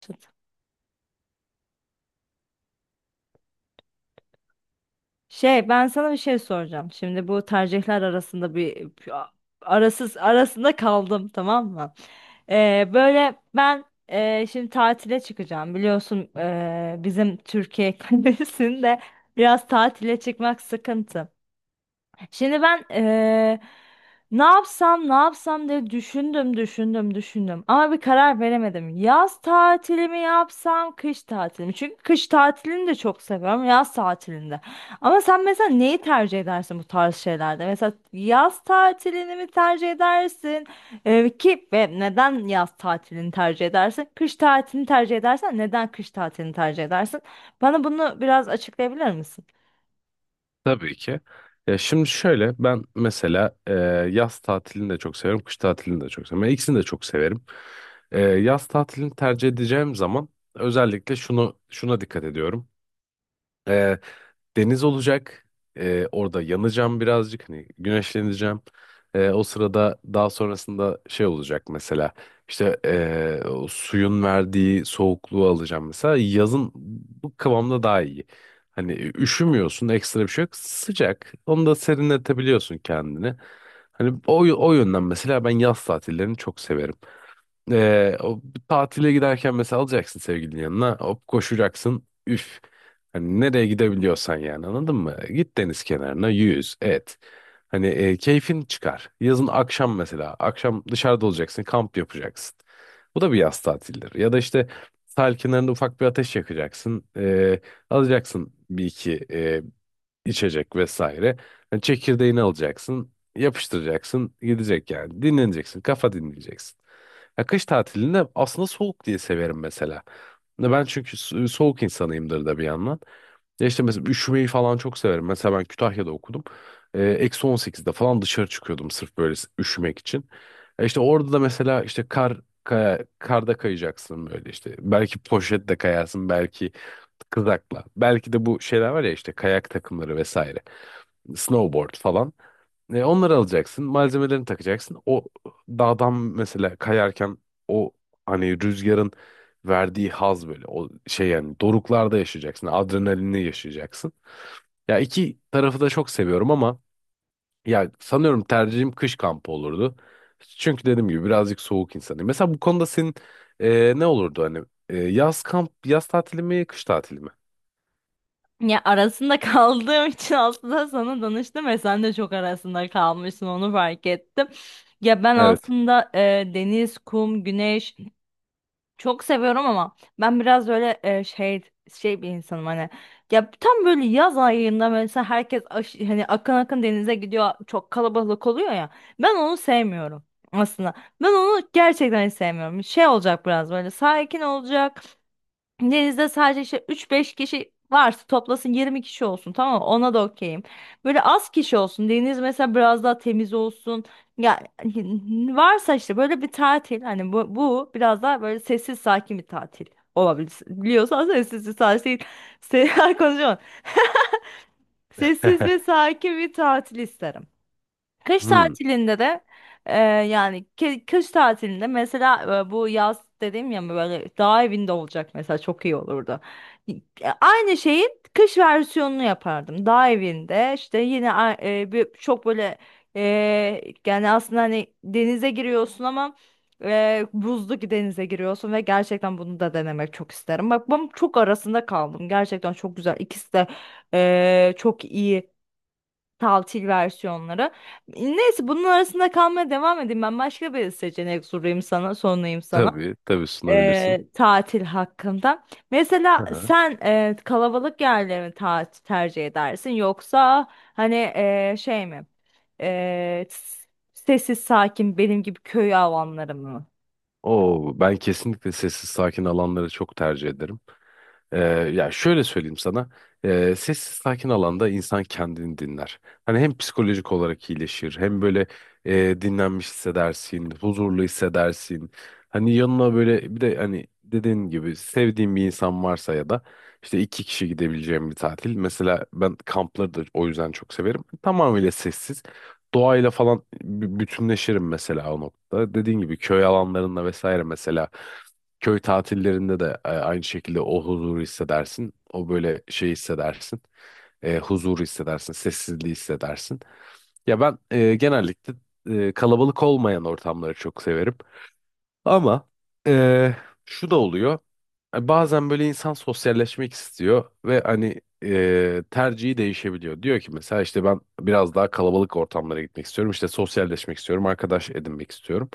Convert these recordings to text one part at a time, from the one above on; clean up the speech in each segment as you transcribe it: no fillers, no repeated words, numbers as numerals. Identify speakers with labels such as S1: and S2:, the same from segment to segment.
S1: Tut. Şey, ben sana bir şey soracağım. Şimdi bu tercihler arasında bir arasız arasında kaldım, tamam mı? Böyle ben şimdi tatile çıkacağım. Biliyorsun, bizim Türkiye kalesinde biraz tatile çıkmak sıkıntı. Şimdi ben ne yapsam ne yapsam diye düşündüm ama bir karar veremedim. Yaz tatili mi yapsam kış tatili mi? Çünkü kış tatilini de çok seviyorum yaz tatilinde. Ama sen mesela neyi tercih edersin bu tarz şeylerde? Mesela yaz tatilini mi tercih edersin? Ki ve neden yaz tatilini tercih edersin? Kış tatilini tercih edersen neden kış tatilini tercih edersin? Bana bunu biraz açıklayabilir misin?
S2: Tabii ki. Ya şimdi şöyle ben mesela yaz tatilini de çok severim, kış tatilini de çok severim. Ben İkisini de çok severim. Yaz tatilini tercih edeceğim zaman özellikle şunu şuna dikkat ediyorum deniz olacak. Orada yanacağım birazcık. Hani güneşleneceğim. O sırada daha sonrasında şey olacak mesela. İşte o suyun verdiği soğukluğu alacağım mesela. Yazın bu kıvamda daha iyi. Hani üşümüyorsun ekstra bir şey yok. Sıcak. Onu da serinletebiliyorsun kendini. Hani o yönden mesela ben yaz tatillerini çok severim. O tatile giderken mesela alacaksın sevgilinin yanına. Hop koşacaksın. Üf. Hani nereye gidebiliyorsan yani anladın mı? Git deniz kenarına yüz et. Hani keyfin çıkar. Yazın akşam mesela. Akşam dışarıda olacaksın. Kamp yapacaksın. Bu da bir yaz tatilidir. Ya da işte sahil kenarında ufak bir ateş yakacaksın. Alacaksın bir iki içecek vesaire. Yani çekirdeğini alacaksın. Yapıştıracaksın. Gidecek yani. Dinleneceksin. Kafa dinleyeceksin. Ya kış tatilinde aslında soğuk diye severim mesela. Ya ben çünkü soğuk insanıyımdır da bir yandan. Ya işte mesela üşümeyi falan çok severim. Mesela ben Kütahya'da okudum. -18'de falan dışarı çıkıyordum sırf böyle üşümek için. E işte orada da mesela işte karda kayacaksın böyle işte. Belki poşetle kayarsın, belki kızakla. Belki de bu şeyler var ya işte kayak takımları vesaire. Snowboard falan. Onları alacaksın, malzemelerini takacaksın. O dağdan mesela kayarken o hani rüzgarın verdiği haz böyle o şey yani doruklarda yaşayacaksın, adrenalinle yaşayacaksın. Ya iki tarafı da çok seviyorum ama ya sanıyorum tercihim kış kampı olurdu. Çünkü dediğim gibi birazcık soğuk insanım. Mesela bu konuda senin ne olurdu hani yaz kamp, yaz tatili mi, kış tatili mi?
S1: Ya, arasında kaldığım için aslında sana danıştım ve sen de çok arasında kalmışsın, onu fark ettim. Ya ben
S2: Evet.
S1: aslında deniz, kum, güneş çok seviyorum ama ben biraz öyle şey, şey bir insanım hani. Ya tam böyle yaz ayında mesela herkes hani akın akın denize gidiyor, çok kalabalık oluyor ya. Ben onu sevmiyorum aslında. Ben onu gerçekten hiç sevmiyorum. Şey olacak, biraz böyle sakin olacak. Denizde sadece işte üç beş kişi varsa toplasın 20 kişi olsun, tamam mı? Ona da okeyim. Böyle az kişi olsun. Deniz mesela biraz daha temiz olsun. Ya, varsa işte böyle bir tatil hani, bu biraz daha böyle sessiz sakin bir tatil olabilir. Biliyorsan sessiz sakin konuşamam. Sessiz ve sakin bir tatil isterim. Kış
S2: Hmm,
S1: tatilinde de yani kış tatilinde mesela bu yaz dediğim ya, böyle dağ evinde olacak mesela, çok iyi olurdu. Y- Aynı şeyin kış versiyonunu yapardım. Dağ evinde işte yine çok böyle e, yani aslında hani denize giriyorsun ama buzlu ki denize giriyorsun ve gerçekten bunu da denemek çok isterim. Bak, ben çok arasında kaldım. Gerçekten çok güzel. İkisi de çok iyi. Taltil versiyonları. Neyse, bunun arasında kalmaya devam edeyim. Ben başka bir seçenek sorayım sana, sorayım sana.
S2: tabii, tabii sunabilirsin.
S1: Tatil hakkında. Mesela sen kalabalık yerleri mi tercih edersin, yoksa hani şey mi? E, s- Sessiz sakin benim gibi köy avamları mı?
S2: Oo, ben kesinlikle sessiz sakin alanları çok tercih ederim. Ee, Ya şöyle söyleyeyim sana. Sessiz sakin alanda insan kendini dinler. Hani hem psikolojik olarak iyileşir hem böyle dinlenmiş hissedersin, huzurlu hissedersin. Hani yanına böyle bir de hani dediğin gibi sevdiğin bir insan varsa ya da işte iki kişi gidebileceğim bir tatil. Mesela ben kampları da o yüzden çok severim. Tamamıyla sessiz. Doğayla falan bütünleşirim mesela o noktada. Dediğin gibi köy alanlarında vesaire mesela köy tatillerinde de aynı şekilde o huzuru hissedersin. O böyle şey hissedersin. Huzuru hissedersin, sessizliği hissedersin. Ya ben genellikle kalabalık olmayan ortamları çok severim. Ama eee, şu da oluyor. Bazen böyle insan sosyalleşmek istiyor ve hani tercihi değişebiliyor. Diyor ki mesela işte ben biraz daha kalabalık ortamlara gitmek istiyorum. İşte sosyalleşmek istiyorum, arkadaş edinmek istiyorum.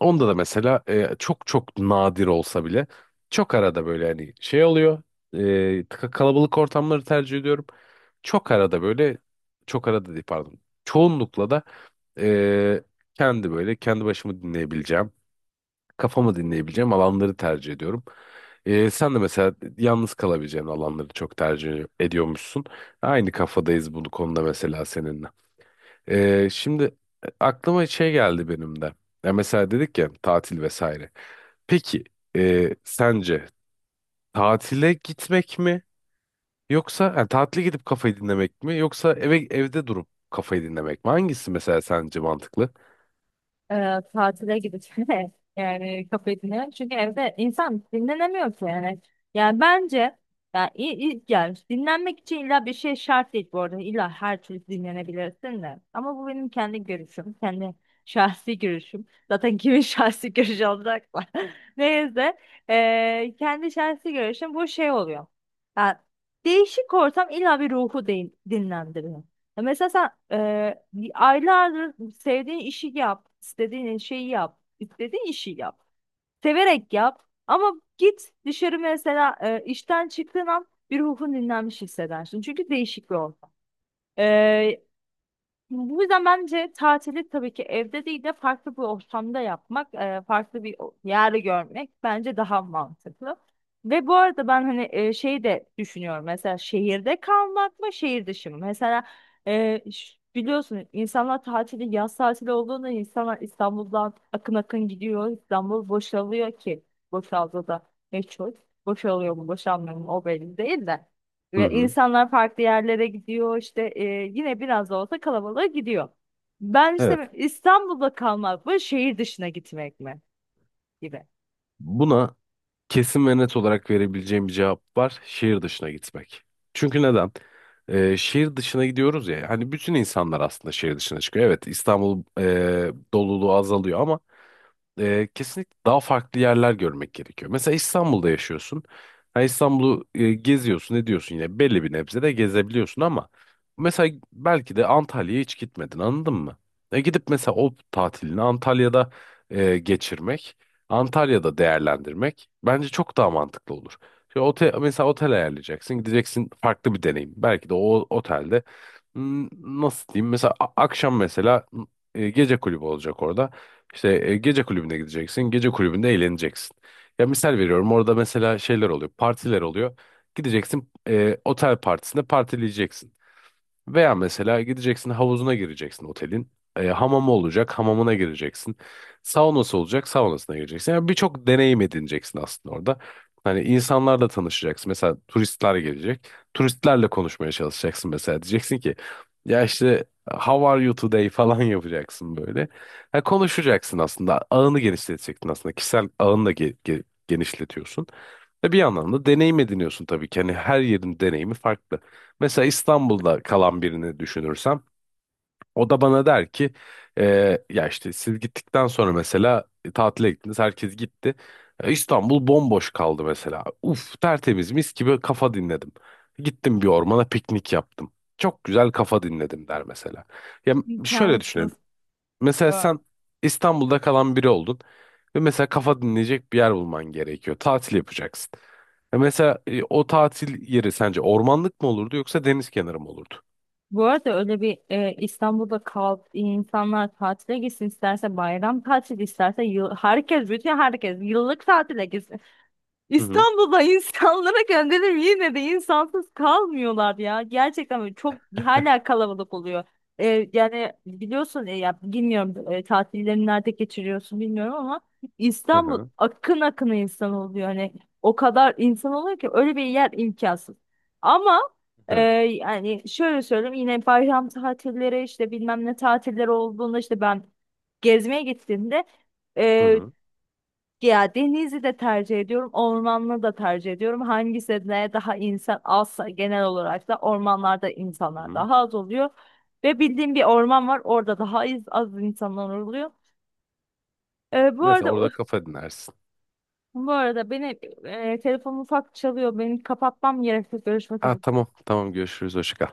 S2: Onda da mesela çok çok nadir olsa bile çok arada böyle hani şey oluyor. Kalabalık ortamları tercih ediyorum. Çok arada böyle çok arada değil pardon. Çoğunlukla da eee, kendi böyle kendi başımı dinleyebileceğim kafamı dinleyebileceğim alanları tercih ediyorum. Sen de mesela yalnız kalabileceğin alanları çok tercih ediyormuşsun. Aynı kafadayız bu konuda mesela seninle. Şimdi aklıma şey geldi benim de. Ya mesela dedik ya tatil vesaire. Peki sence tatile gitmek mi? Yoksa yani tatile gidip kafayı dinlemek mi? Yoksa evde durup kafayı dinlemek mi? Hangisi mesela sence mantıklı?
S1: Tatile gideceğine yani kafesine. Çünkü evde insan dinlenemiyor ki yani. Yani bence yani, i- yani dinlenmek için illa bir şey şart değil bu arada. İlla her türlü dinlenebilirsin de. Ama bu benim kendi görüşüm. Kendi şahsi görüşüm. Zaten kimin şahsi görüşü olacak mı? Neyse. Kendi şahsi görüşüm bu şey oluyor. Yani değişik ortam illa bir ruhu dinlendiriyor. Ya mesela sen aylardır sevdiğin işi yap, istediğin şeyi yap, istediğin işi yap, severek yap. Ama git dışarı mesela, işten çıktığın an bir ruhun dinlenmiş hissedersin. Çünkü değişik bir ortam. Bu yüzden bence tatili tabii ki evde değil de farklı bir ortamda yapmak, farklı bir yer görmek bence daha mantıklı. Ve bu arada ben hani şeyi de düşünüyorum. Mesela şehirde kalmak mı, şehir dışı mı? Mesela biliyorsun insanlar tatili, yaz tatili olduğunda insanlar İstanbul'dan akın akın gidiyor. İstanbul boşalıyor ki boşaldı da ne çok. Boşalıyor mu, boşalmıyor mu o belli değil de.
S2: Hı
S1: Ve
S2: hı.
S1: insanlar farklı yerlere gidiyor işte, yine biraz da olsa kalabalığa gidiyor. Ben işte
S2: Evet.
S1: İstanbul'da kalmak mı şehir dışına gitmek mi gibi.
S2: Buna kesin ve net olarak verebileceğim bir cevap var. Şehir dışına gitmek. Çünkü neden? Şehir dışına gidiyoruz ya. Hani bütün insanlar aslında şehir dışına çıkıyor. Evet İstanbul doluluğu azalıyor ama kesinlikle daha farklı yerler görmek gerekiyor. Mesela İstanbul'da yaşıyorsun. Ha, İstanbul'u geziyorsun, ediyorsun yine belli bir nebze de gezebiliyorsun ama mesela belki de Antalya'ya hiç gitmedin, anladın mı? Gidip mesela o tatilini Antalya'da geçirmek, Antalya'da değerlendirmek bence çok daha mantıklı olur. Şimdi mesela otel ayarlayacaksın, gideceksin farklı bir deneyim. Belki de o otelde hmm, nasıl diyeyim mesela akşam mesela gece kulübü olacak orada. İşte gece kulübüne gideceksin. Gece kulübünde eğleneceksin. Ya misal veriyorum orada mesela şeyler oluyor. Partiler oluyor. Gideceksin otel partisinde partileyeceksin. Veya mesela gideceksin havuzuna gireceksin otelin. Hamamı olacak, hamamına gireceksin. Saunası olacak, saunasına gireceksin. Yani birçok deneyim edineceksin aslında orada. Hani insanlarla tanışacaksın. Mesela turistler gelecek. Turistlerle konuşmaya çalışacaksın mesela. Diyeceksin ki ya işte how are you today falan yapacaksın böyle. Ha, konuşacaksın aslında. Ağını genişleteceksin aslında. Kişisel ağını da genişletiyorsun. Ve bir yandan da deneyim ediniyorsun tabii ki. Hani her yerin deneyimi farklı. Mesela İstanbul'da kalan birini düşünürsem o da bana der ki: "E, Ya işte siz gittikten sonra mesela tatile gittiniz, herkes gitti. İstanbul bomboş kaldı mesela. Uf, tertemiz, mis gibi kafa dinledim. Gittim bir ormana, piknik yaptım. Çok güzel kafa dinledim," der mesela. Ya şöyle düşünelim.
S1: İmkansız.
S2: Mesela
S1: Evet.
S2: sen İstanbul'da kalan biri oldun ve mesela kafa dinleyecek bir yer bulman gerekiyor. Tatil yapacaksın. Ya mesela o tatil yeri sence ormanlık mı olurdu yoksa deniz kenarı mı olurdu?
S1: Bu arada öyle bir İstanbul'da kal, insanlar tatile gitsin, isterse bayram tatili isterse yıl, herkes bütün herkes yıllık tatile gitsin.
S2: Hı hı.
S1: İstanbul'da insanlara gönderim, yine de insansız kalmıyorlar ya. Gerçekten böyle çok hala kalabalık oluyor. Yani biliyorsun, ya bilmiyorum, tatillerini nerede geçiriyorsun bilmiyorum ama
S2: Hı
S1: İstanbul
S2: hı.
S1: akın akın insan oluyor. Hani o kadar insan oluyor ki öyle bir yer imkansız. Ama
S2: Hı
S1: yani şöyle söyleyeyim, yine bayram tatilleri işte bilmem ne tatilleri olduğunda işte ben gezmeye gittiğimde e,
S2: hı.
S1: ya denizi de tercih ediyorum, ormanlı da tercih ediyorum. Hangisine daha insan azsa, genel olarak da ormanlarda
S2: Hı
S1: insanlar
S2: hı.
S1: daha az oluyor. Ve bildiğim bir orman var, orada daha az, az insanlar oluyor. Bu
S2: Mesela
S1: arada,
S2: orada kafa dinlersin.
S1: beni telefonum ufak çalıyor. Benim kapatmam gerekiyor. Görüşmek
S2: Ha,
S1: üzere.
S2: tamam tamam görüşürüz hoşça kal.